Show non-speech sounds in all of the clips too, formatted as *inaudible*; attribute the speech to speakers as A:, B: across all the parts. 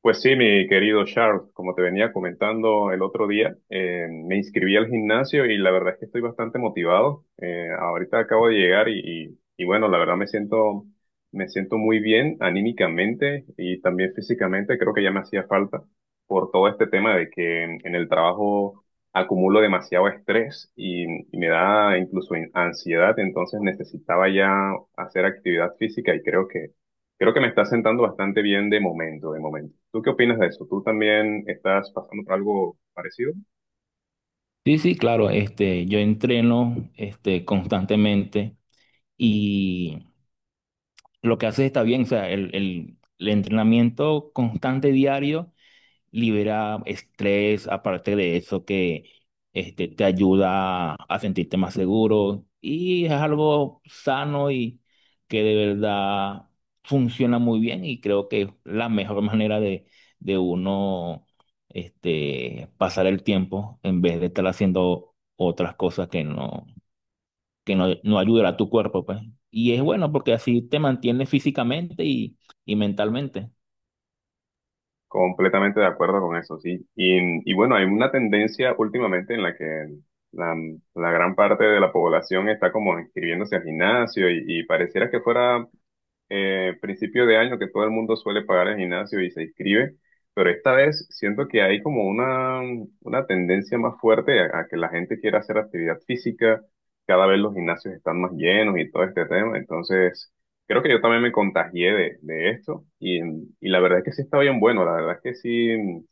A: Pues sí, mi querido Charles, como te venía comentando el otro día, me inscribí al gimnasio y la verdad es que estoy bastante motivado. Ahorita acabo de llegar y bueno, la verdad me siento muy bien anímicamente y también físicamente. Creo que ya me hacía falta por todo este tema de que en el trabajo acumulo demasiado estrés y me da incluso ansiedad. Entonces necesitaba ya hacer actividad física y creo que me está sentando bastante bien de momento, de momento. ¿Tú qué opinas de eso? ¿Tú también estás pasando por algo parecido?
B: Sí, sí, claro, yo entreno constantemente y lo que haces está bien, o sea, el entrenamiento constante diario libera estrés, aparte de eso que te ayuda a sentirte más seguro y es algo sano y que de verdad funciona muy bien y creo que es la mejor manera de uno pasar el tiempo en vez de estar haciendo otras cosas que no ayudan a tu cuerpo, pues. Y es bueno porque así te mantienes físicamente y mentalmente.
A: Completamente de acuerdo con eso, sí. Y bueno, hay una tendencia últimamente en la que la, la gran parte de la población está como inscribiéndose al gimnasio y pareciera que fuera principio de año que todo el mundo suele pagar el gimnasio y se inscribe, pero esta vez siento que hay como una tendencia más fuerte a que la gente quiera hacer actividad física, cada vez los gimnasios están más llenos y todo este tema, entonces creo que yo también me contagié de esto y la verdad es que sí está bien bueno, la verdad es que sí,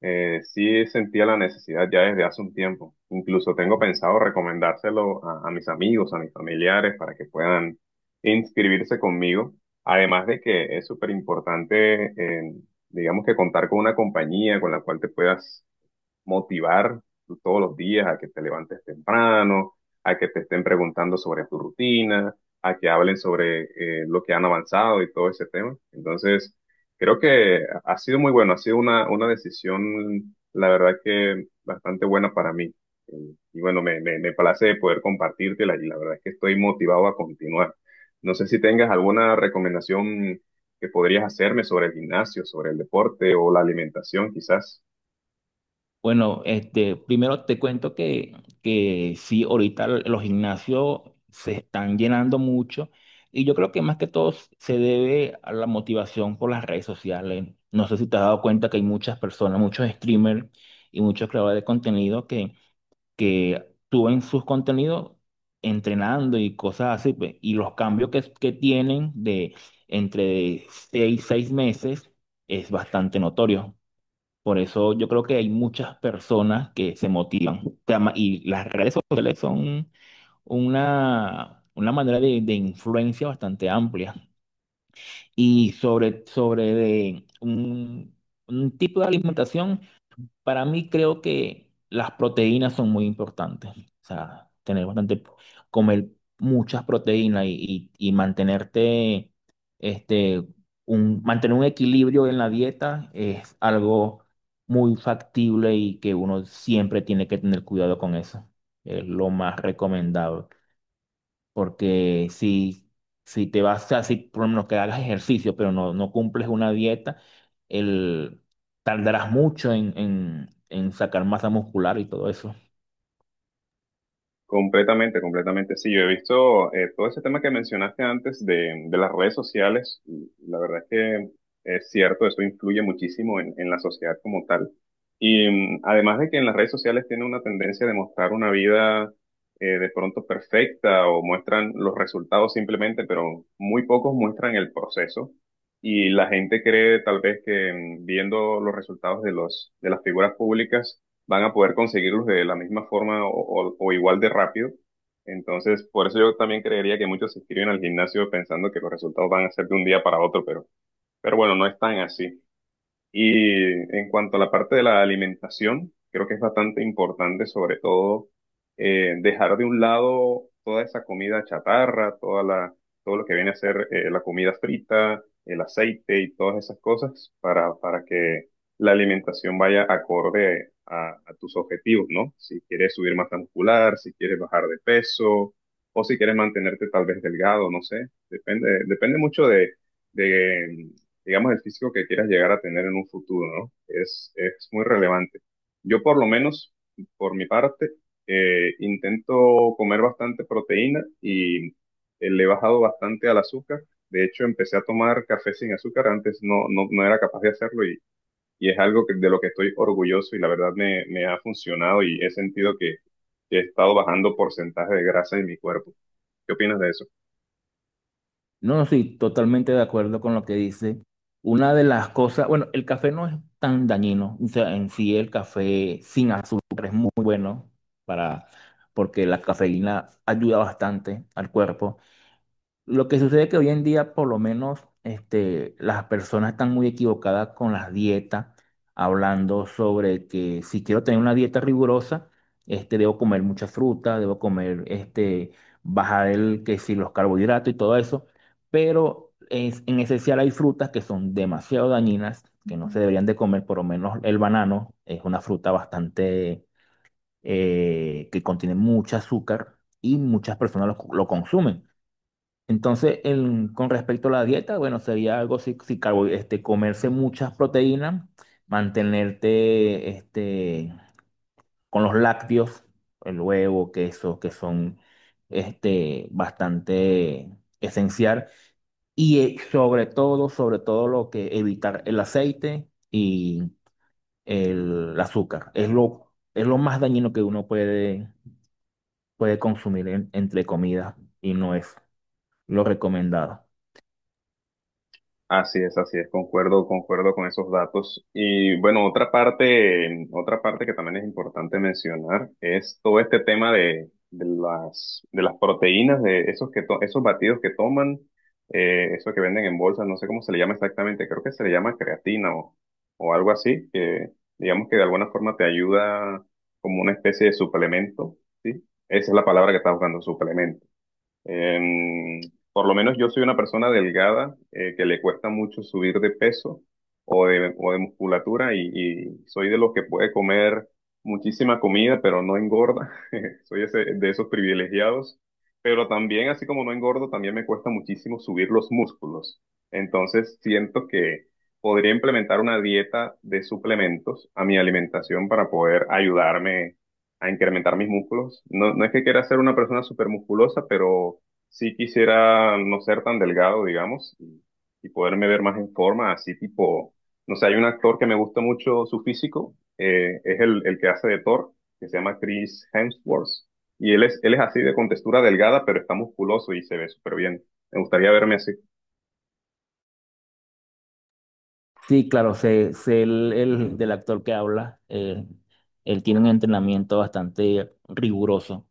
A: sí sentía la necesidad ya desde hace un tiempo. Incluso tengo pensado recomendárselo a mis amigos, a mis familiares, para que puedan inscribirse conmigo. Además de que es súper importante, digamos que contar con una compañía con la cual te puedas motivar tú todos los días a que te levantes temprano, a que te estén preguntando sobre tu rutina, a que hablen sobre lo que han avanzado y todo ese tema. Entonces, creo que ha sido muy bueno, ha sido una decisión, la verdad que bastante buena para mí. Y bueno, me place poder compartírtela y la verdad es que estoy motivado a continuar. No sé si tengas alguna recomendación que podrías hacerme sobre el gimnasio, sobre el deporte o la alimentación, quizás.
B: Bueno, primero te cuento que sí, ahorita los gimnasios se están llenando mucho y yo creo que más que todo se debe a la motivación por las redes sociales. No sé si te has dado cuenta que hay muchas personas, muchos streamers y muchos creadores de contenido que suben sus contenidos entrenando y cosas así, pues, y los cambios que tienen de entre seis meses es bastante notorio. Por eso yo creo que hay muchas personas que se motivan. O sea, y las redes sociales son una manera de influencia bastante amplia. Y sobre de un tipo de alimentación. Para mí creo que las proteínas son muy importantes. O sea, tener bastante, comer muchas proteínas y mantenerte, este, mantener un equilibrio en la dieta es algo muy factible y que uno siempre tiene que tener cuidado con eso. Es lo más recomendable. Porque si, si te vas así, por lo menos que hagas ejercicio, pero no, no cumples una dieta, el, tardarás mucho en, en sacar masa muscular y todo eso.
A: Completamente, completamente. Sí, yo he visto todo ese tema que mencionaste antes de las redes sociales. La verdad es que es cierto, eso influye muchísimo en la sociedad como tal. Y además de que en las redes sociales tiene una tendencia de mostrar una vida de pronto perfecta o muestran los resultados simplemente, pero muy pocos muestran el proceso. Y la gente cree tal vez que viendo los resultados de los, de las figuras públicas, van a poder conseguirlos de la misma forma o, o igual de rápido. Entonces, por eso yo también creería que muchos se inscriben al gimnasio pensando que los resultados van a ser de un día para otro, pero bueno, no es tan así. Y en cuanto a la parte de la alimentación, creo que es bastante importante, sobre todo, dejar de un lado toda esa comida chatarra, toda la, todo lo que viene a ser la comida frita, el aceite y todas esas cosas para que la alimentación vaya acorde a tus objetivos, ¿no? Si quieres subir masa muscular, si quieres bajar de peso o si quieres mantenerte tal vez delgado, no sé. Depende, depende mucho de digamos, el físico que quieras llegar a tener en un futuro, ¿no? Es muy relevante. Yo por lo menos, por mi parte, intento comer bastante proteína y le he bajado bastante al azúcar. De hecho, empecé a tomar café sin azúcar, antes no era capaz de hacerlo y es algo que- de lo que estoy orgulloso y la verdad me ha funcionado y he sentido que he estado bajando porcentaje de grasa en mi cuerpo. ¿Qué opinas de eso?
B: No, sí, totalmente de acuerdo con lo que dice. Una de las cosas, bueno, el café no es tan dañino, o sea, en sí el café sin azúcar es muy bueno para, porque la cafeína ayuda bastante al cuerpo. Lo que sucede es que hoy en día, por lo menos, las personas están muy equivocadas con las dietas, hablando sobre que si quiero tener una dieta rigurosa, debo comer mucha fruta, debo comer, bajar el, que si los carbohidratos y todo eso, pero en esencial hay frutas que son demasiado dañinas, que no se ujú deberían de comer, por lo menos el banano es una fruta bastante, que contiene mucho azúcar y muchas personas lo consumen. Entonces, con respecto a la dieta, bueno, sería algo si, si comerse muchas proteínas, mantenerte con los lácteos, el huevo, queso, que son bastante esencial. Y sobre todo lo que evitar el aceite y el azúcar. Es lo más dañino que uno puede, puede consumir entre comidas y no es lo recomendado.
A: Así es, concuerdo, concuerdo con esos datos. Y bueno, otra parte que también es importante mencionar es todo este tema de las proteínas, de esos que to- esos batidos que toman, eso que venden en bolsas, no sé cómo se le llama exactamente, creo que se le llama creatina o algo así, que digamos que de alguna forma te ayuda como una especie de suplemento, ¿sí? Esa es la palabra que estás buscando, suplemento. Em, por lo menos yo soy una persona delgada que le cuesta mucho subir de peso o de musculatura y soy de los que puede comer muchísima comida pero no engorda. *laughs* Soy ese- de esos privilegiados. Pero también, así como no engordo, también me cuesta muchísimo subir los músculos. Entonces siento que podría implementar una dieta de suplementos a mi alimentación para poder ayudarme a incrementar mis músculos. No, no es que quiera ser una persona súper musculosa, pero sí quisiera no ser tan delgado, digamos, y poderme ver más en forma, así tipo, no sé, hay un actor que me gusta mucho su físico, es el que hace de Thor, que se llama Chris Hemsworth, y él es así de contextura delgada, pero está musculoso y se ve súper bien. Me gustaría verme así.
B: Sí, claro, sé, sé el del actor que habla. Él tiene un entrenamiento bastante riguroso.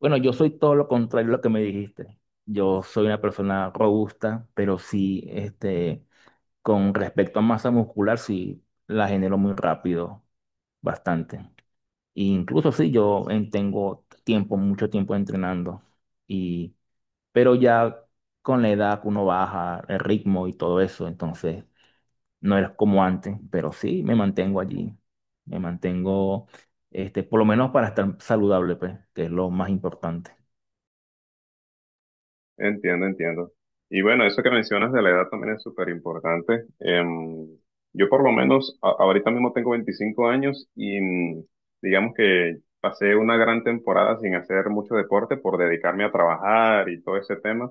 B: Bueno, yo soy todo lo contrario a lo que me dijiste. Yo soy una persona robusta, pero sí, con respecto a masa muscular, sí la genero muy rápido, bastante. E incluso sí, yo tengo tiempo, mucho tiempo entrenando. Y, pero ya con la edad uno baja el ritmo y todo eso, entonces. No eres como antes, pero sí me mantengo allí. Me mantengo, por lo menos para estar saludable, pues, que es lo más importante.
A: Entiendo, entiendo. Y bueno, eso que mencionas de la edad también es súper importante. Em, yo por lo menos a- ahorita mismo tengo 25 años y digamos que pasé una gran temporada sin hacer mucho deporte por dedicarme a trabajar y todo ese tema.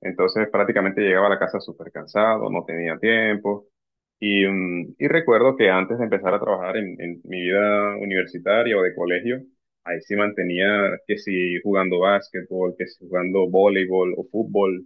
A: Entonces prácticamente llegaba a la casa súper cansado, no tenía tiempo. Y, y recuerdo que antes de empezar a trabajar en mi vida universitaria o de colegio, ahí sí mantenía que si jugando básquetbol, que si jugando voleibol o fútbol,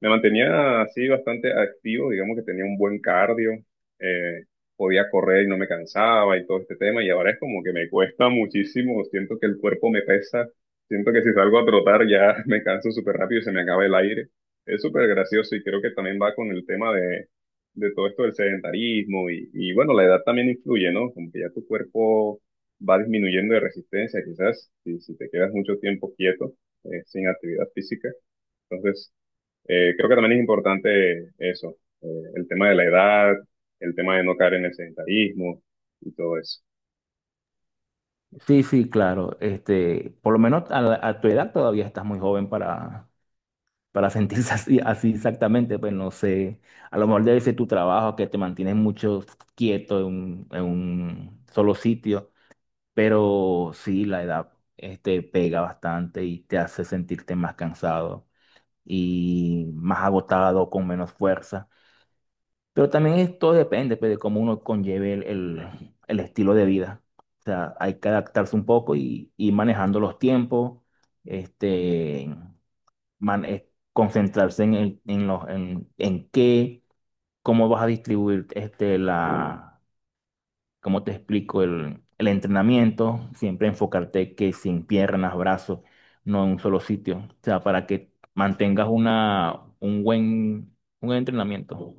A: me mantenía así bastante activo, digamos que tenía un buen cardio, eh, podía correr y no me cansaba y todo este tema, y ahora es como que me cuesta *laughs* muchísimo, siento que el cuerpo me pesa, siento que si salgo a trotar ya *laughs* me canso súper rápido y se me acaba el aire. Es súper gracioso y creo que también va con el tema de todo esto del sedentarismo y bueno, la edad también influye, ¿no? Como que ya tu cuerpo va disminuyendo de resistencia, quizás si, si te quedas mucho tiempo quieto, sin actividad física. Entonces, creo que también es importante eso, el tema de la edad, el tema de no caer en el sedentarismo y todo eso.
B: Sí, sí, claro. Por lo menos a tu edad todavía estás muy joven para *laughs* sentirse así, así exactamente. Pues no sé, a lo mejor debe ser tu trabajo que te mantienes mucho quieto en un solo sitio, pero sí, la edad, pega bastante y te hace sentirte más cansado y más agotado, con menos fuerza. Pero también esto depende pues, de cómo uno conlleve el estilo de vida. O sea, hay que adaptarse un poco y ir manejando los tiempos, este, concentrarse en, el- en, los, en qué, cómo vas a distribuir cómo te explico, el entrenamiento, siempre enfocarte que sin piernas, brazos, no en un solo sitio, o sea, para que mantengas una, un buen entrenamiento.